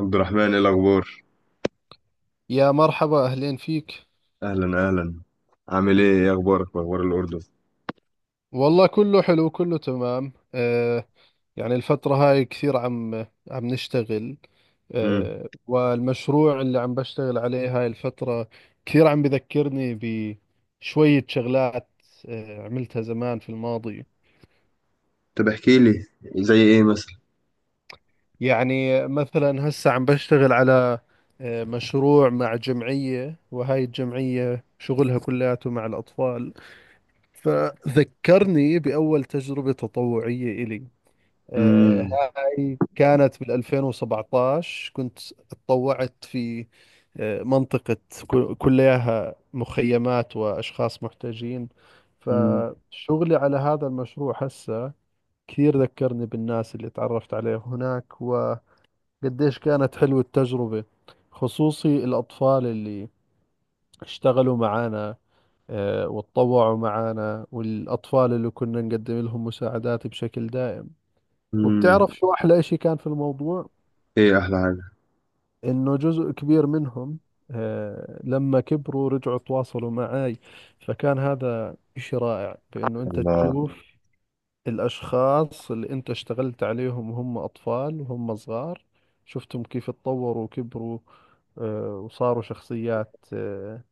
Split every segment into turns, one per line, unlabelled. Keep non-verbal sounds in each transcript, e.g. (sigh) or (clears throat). عبد الرحمن، ايه الاخبار؟
يا مرحبا، أهلين فيك.
اهلا اهلا. عامل ايه اخبارك واخبار الاردن؟
والله كله حلو، كله تمام. يعني الفترة هاي كثير عم نشتغل.
امم
والمشروع اللي عم بشتغل عليه هاي الفترة كثير عم بذكرني بشوية شغلات عملتها زمان في الماضي.
طب احكي لي، زي ايه مثلا؟
يعني مثلا هسا عم بشتغل على مشروع مع جمعية، وهاي الجمعية شغلها كلياته مع الأطفال. فذكرني بأول تجربة تطوعية إلي.
امم
آه، هاي كانت بال 2017، كنت اتطوعت في منطقة كلها مخيمات وأشخاص محتاجين.
امم
فشغلي على هذا المشروع هسه كثير ذكرني بالناس اللي تعرفت عليه هناك، وقديش كانت حلوة التجربة! خصوصي الأطفال اللي اشتغلوا معانا وتطوعوا معانا، والأطفال اللي كنا نقدم لهم مساعدات بشكل دائم.
امم
وبتعرف شو أحلى إشي كان في الموضوع؟
ايه احلى حاجه؟
انه جزء كبير منهم لما كبروا رجعوا تواصلوا معاي. فكان هذا شيء رائع، بانه انت
الله.
تشوف الاشخاص اللي انت اشتغلت عليهم وهم اطفال وهم صغار، شفتهم كيف اتطوروا وكبروا وصاروا شخصيات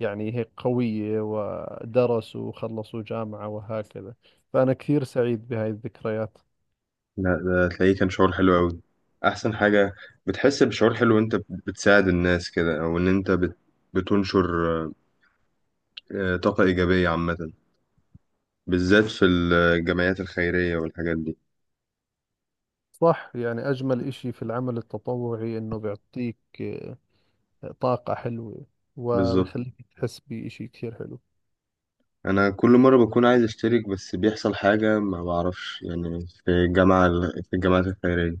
يعني هيك قوية، ودرسوا وخلصوا جامعة وهكذا. فأنا كثير سعيد بهاي الذكريات.
لا، ده تلاقيه كان شعور حلو قوي. احسن حاجه. بتحس بشعور حلو وانت بتساعد الناس كده، او ان انت بتنشر طاقه ايجابيه عامه، بالذات في الجمعيات الخيريه والحاجات دي.
صح، يعني أجمل إشي في العمل التطوعي إنه بيعطيك طاقة حلوة،
بالظبط.
وبيخليك تحس بإشي كثير حلو.
انا كل مره بكون عايز اشترك، بس بيحصل حاجه ما بعرفش، يعني في الجامعه، في الجامعات الخيريه،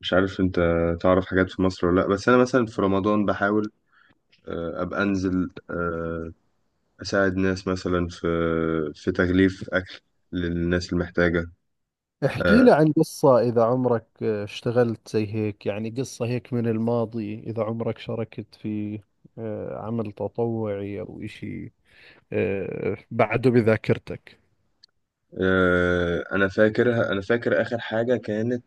مش عارف انت تعرف حاجات في مصر ولا لا. بس انا مثلا في رمضان بحاول ابقى انزل اساعد ناس مثلا في في تغليف اكل للناس المحتاجه.
احكي
آه،
لي عن قصة، إذا عمرك اشتغلت زي هيك، يعني قصة هيك من الماضي، إذا عمرك شاركت في عمل تطوعي أو إشي بعده بذاكرتك.
انا فاكر اخر حاجه كانت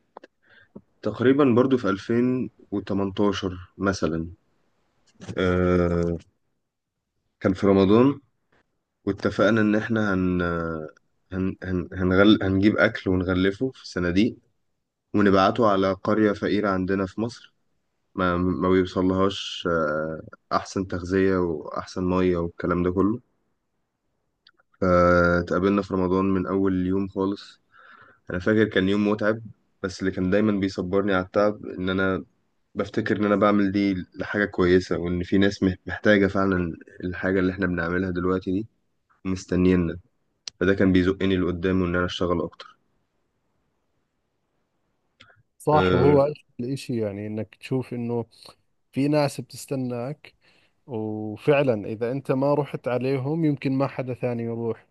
تقريبا برضو في 2018 مثلا. آه، كان في رمضان، واتفقنا ان احنا هنجيب اكل ونغلفه في صناديق، ونبعته على قرية فقيرة عندنا في مصر ما ما بيوصلهاش احسن تغذية واحسن مية والكلام ده كله. فتقابلنا في رمضان من اول يوم خالص. انا فاكر كان يوم متعب، بس اللي كان دايما بيصبرني على التعب ان انا بفتكر ان انا بعمل دي لحاجة كويسة، وان في ناس محتاجة فعلا الحاجة اللي احنا بنعملها دلوقتي دي، مستنينا. فده كان بيزقني لقدام، وان انا اشتغل اكتر.
صح،
آه،
وهو أجمل إشي يعني إنك تشوف إنه في ناس بتستناك، وفعلا إذا أنت ما رحت عليهم يمكن ما حدا ثاني يروح،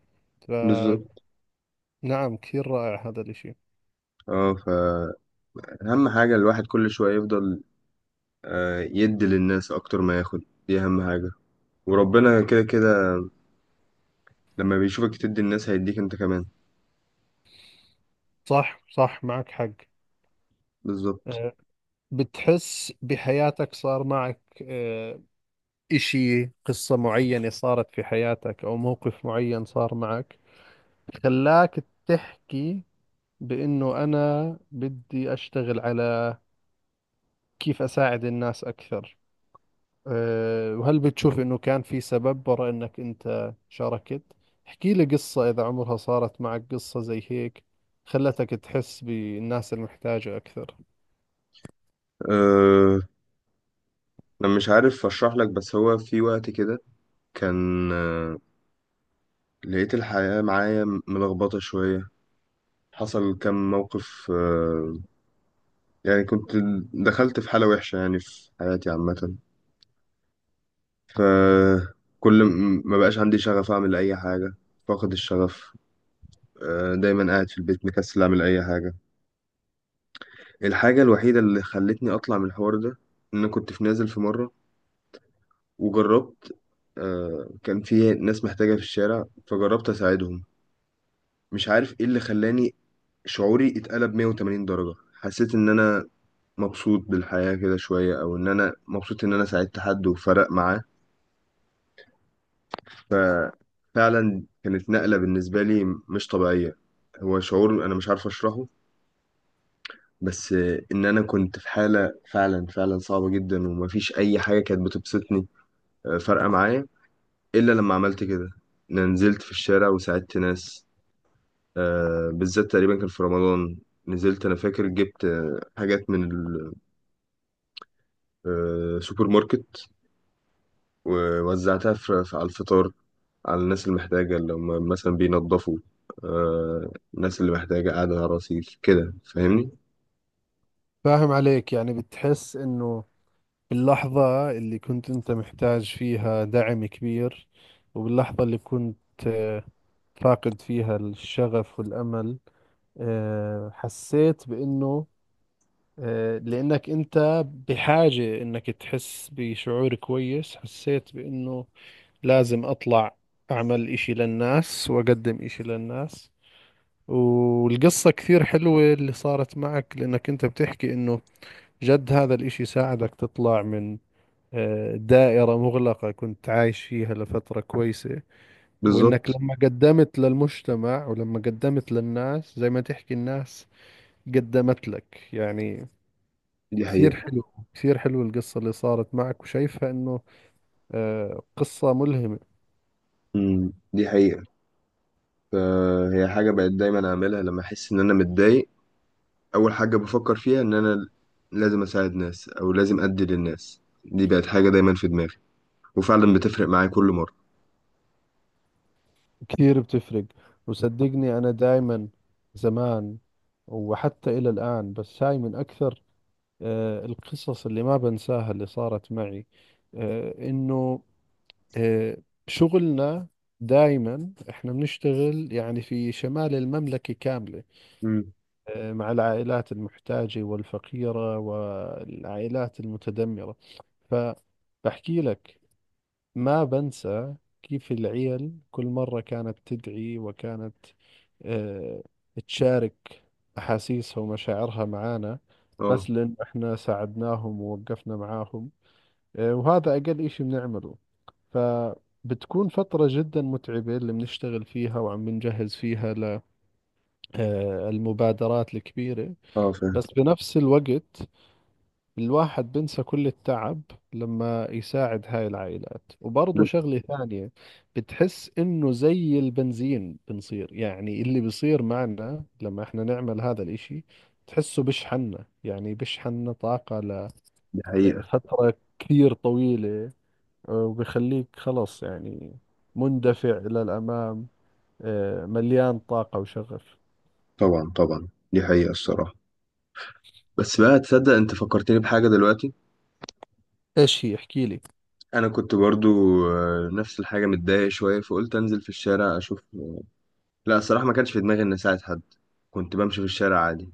فنعم،
بالظبط.
كثير رائع هذا الإشي.
اه، فأهم حاجة الواحد كل شوية يفضل يدي للناس أكتر ما ياخد. دي أهم حاجة. وربنا كده كده، لما بيشوفك تدي الناس هيديك أنت كمان.
صح صح، معك حق.
بالظبط.
آه، بتحس بحياتك صار معك إشي، قصة معينة صارت في حياتك أو موقف معين صار معك، خلاك تحكي بإنه أنا بدي أشتغل على كيف أساعد الناس أكثر، وهل بتشوف إنه كان في سبب وراء إنك أنت شاركت؟ احكي لي قصة إذا عمرها صارت معك قصة زي هيك، خلتك تحس بالناس المحتاجة أكثر.
أه، أنا مش عارف أشرح لك، بس هو في وقت كده كان لقيت الحياة معايا ملخبطة شوية. حصل كم موقف. يعني كنت دخلت في حالة وحشة، يعني في حياتي عامة. فكل ما بقاش عندي شغف أعمل أي حاجة، فاقد الشغف. دايما قاعد في البيت مكسل اعمل اي حاجه. الحاجه الوحيده اللي خلتني اطلع من الحوار ده ان أنا كنت في نازل في مره وجربت. كان في ناس محتاجه في الشارع فجربت اساعدهم. مش عارف ايه اللي خلاني شعوري اتقلب 180 درجه. حسيت ان انا مبسوط بالحياه كده شويه، او ان انا مبسوط ان انا ساعدت حد وفرق معاه. ففعلا كانت نقله بالنسبه لي مش طبيعيه. هو شعور انا مش عارف اشرحه، بس ان انا كنت في حاله فعلا فعلا صعبه جدا، ومفيش اي حاجه كانت بتبسطني فارقه معايا الا لما عملت كده. انا نزلت في الشارع وساعدت ناس. بالذات تقريبا كان في رمضان. نزلت انا فاكر جبت حاجات من السوبر ماركت، ووزعتها على الفطار، على الناس المحتاجه اللي هم مثلا بينظفوا. الناس اللي محتاجه قاعده على رصيف كده، فاهمني.
فاهم عليك، يعني بتحس إنه اللحظة اللي كنت أنت محتاج فيها دعم كبير، وباللحظة اللي كنت فاقد فيها الشغف والأمل، حسيت بأنه لأنك أنت بحاجة أنك تحس بشعور كويس، حسيت بأنه لازم أطلع أعمل إشي للناس وأقدم إشي للناس. والقصة كثير حلوة اللي صارت معك، لأنك أنت بتحكي أنه جد هذا الإشي ساعدك تطلع من دائرة مغلقة كنت عايش فيها لفترة كويسة. وإنك
بالظبط.
لما قدمت للمجتمع ولما قدمت للناس، زي ما تحكي الناس قدمت لك يعني.
دي
كثير
حقيقه.
حلو، كثير حلو القصة اللي صارت معك، وشايفها إنه قصة ملهمة.
مم، دي حقيقه. هي حاجة بقت دايما أعملها لما أحس إن أنا متضايق. أول حاجة بفكر فيها إن أنا لازم أساعد ناس، أو لازم أدي للناس. دي بقت حاجة دايما في دماغي، وفعلا بتفرق معايا كل مرة.
كثير بتفرق، وصدقني أنا دائما زمان وحتى إلى الآن، بس هاي من أكثر القصص اللي ما بنساها اللي صارت معي. إنه آه، شغلنا، دائما احنا بنشتغل يعني في شمال المملكة كاملة،
مم.
مع العائلات المحتاجة والفقيرة والعائلات المتدمرة. فبحكي لك، ما بنسى كيف العيل كل مرة كانت تدعي، وكانت آه، تشارك أحاسيسها ومشاعرها معانا،
اه.
بس لأن احنا ساعدناهم ووقفنا معاهم، وهذا أقل إشي بنعمله. فبتكون فترة جدا متعبة اللي بنشتغل فيها وعم بنجهز فيها للمبادرات الكبيرة.
اه، فاهم.
بس بنفس الوقت، الواحد بنسى كل التعب لما يساعد هاي العائلات، وبرضه شغلة ثانية، بتحس إنه زي البنزين بنصير يعني، اللي بيصير معنا لما إحنا نعمل هذا الإشي تحسه بشحننا، يعني بشحننا طاقة
دي حقيقة.
لفترة كثير طويلة، وبيخليك خلاص يعني مندفع إلى الأمام، مليان طاقة وشغف.
طبعا طبعا دي حقيقة الصراحة. بس بقى، تصدق أنت فكرتني بحاجة دلوقتي؟
ايش هي، احكي لي.
أنا كنت برضو نفس الحاجة، متضايق شوية فقلت أنزل في الشارع أشوف. لا، الصراحة ما كانش في دماغي إني أساعد حد، كنت بمشي في الشارع عادي.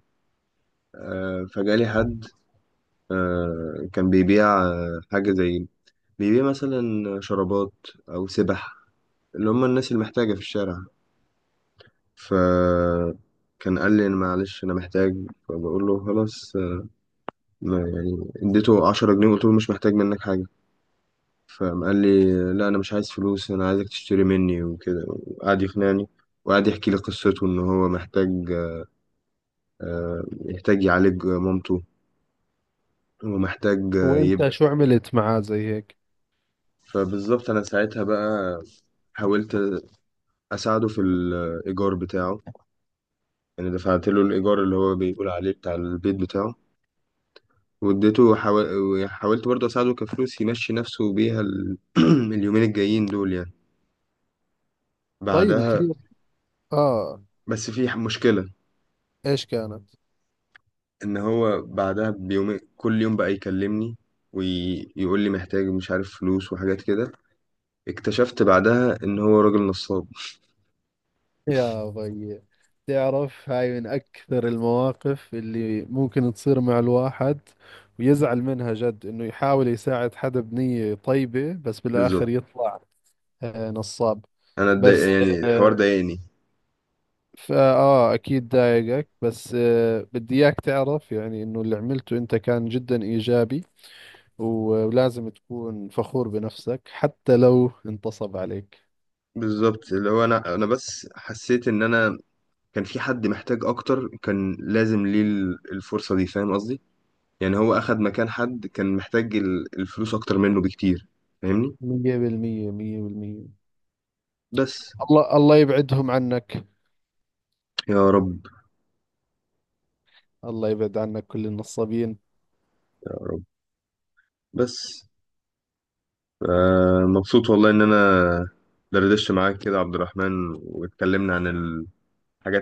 فجالي حد كان بيبيع حاجة زي، بيبيع مثلا شرابات أو سبح، اللي هم الناس المحتاجة في الشارع. فكان قال لي أنا معلش أنا محتاج. فبقول له خلاص، ما يعني اديته 10 جنيه وقلت له مش محتاج منك حاجة. فقام قال لي لا، أنا مش عايز فلوس، أنا عايزك تشتري مني وكده، وقعد يقنعني وقعد يحكي لي قصته إن هو محتاج، يحتاج يعالج مامته، ومحتاج آه، يب
وانت شو عملت معاه زي هيك؟
فبالظبط أنا ساعتها بقى حاولت اساعده في الايجار بتاعه، يعني دفعت له الايجار اللي هو بيقول عليه بتاع البيت بتاعه. واديته حاولت برضه اساعده كفلوس يمشي نفسه بيها (clears throat) اليومين الجايين دول يعني.
طيب،
بعدها،
كثير. اه.
بس في مشكلة.
ايش كانت؟
ان هو بعدها بيوم كل يوم بقى يكلمني ويقول لي محتاج مش عارف فلوس وحاجات كده. اكتشفت بعدها ان هو راجل نصاب.
يا ضي. تعرف هاي من أكثر المواقف اللي ممكن تصير مع الواحد، ويزعل منها جد، إنه يحاول يساعد حدا بنية طيبة بس بالآخر
بالظبط.
يطلع نصاب.
انا اتضايق،
بس
يعني الحوار
آه،
ضايقني.
أكيد ضايقك، بس بدي إياك تعرف، يعني إنه اللي عملته أنت كان جدا إيجابي، ولازم تكون فخور بنفسك حتى لو انتصب عليك.
بالظبط، اللي هو انا بس حسيت ان انا كان في حد محتاج اكتر كان لازم ليه الفرصة دي، فاهم قصدي؟ يعني هو اخد مكان حد كان محتاج الفلوس اكتر منه بكتير، فاهمني.
مية بالمية، مية بالمية.
بس.
الله، الله يبعدهم عنك.
يا رب.
الله يبعد عنك كل النصابين.
يا رب. بس مبسوط والله ان انا دردشت معاك كده يا عبد الرحمن، واتكلمنا عن الحاجات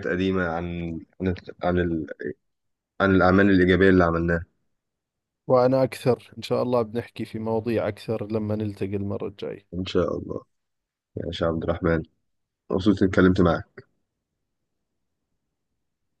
قديمة، عن عن الاعمال الايجابية اللي عملناها.
وأنا أكثر، إن شاء الله بنحكي في مواضيع أكثر لما نلتقي المرة الجاية.
ان شاء الله. يا شيخ عبد الرحمن، مبسوط اني اتكلمت معاك.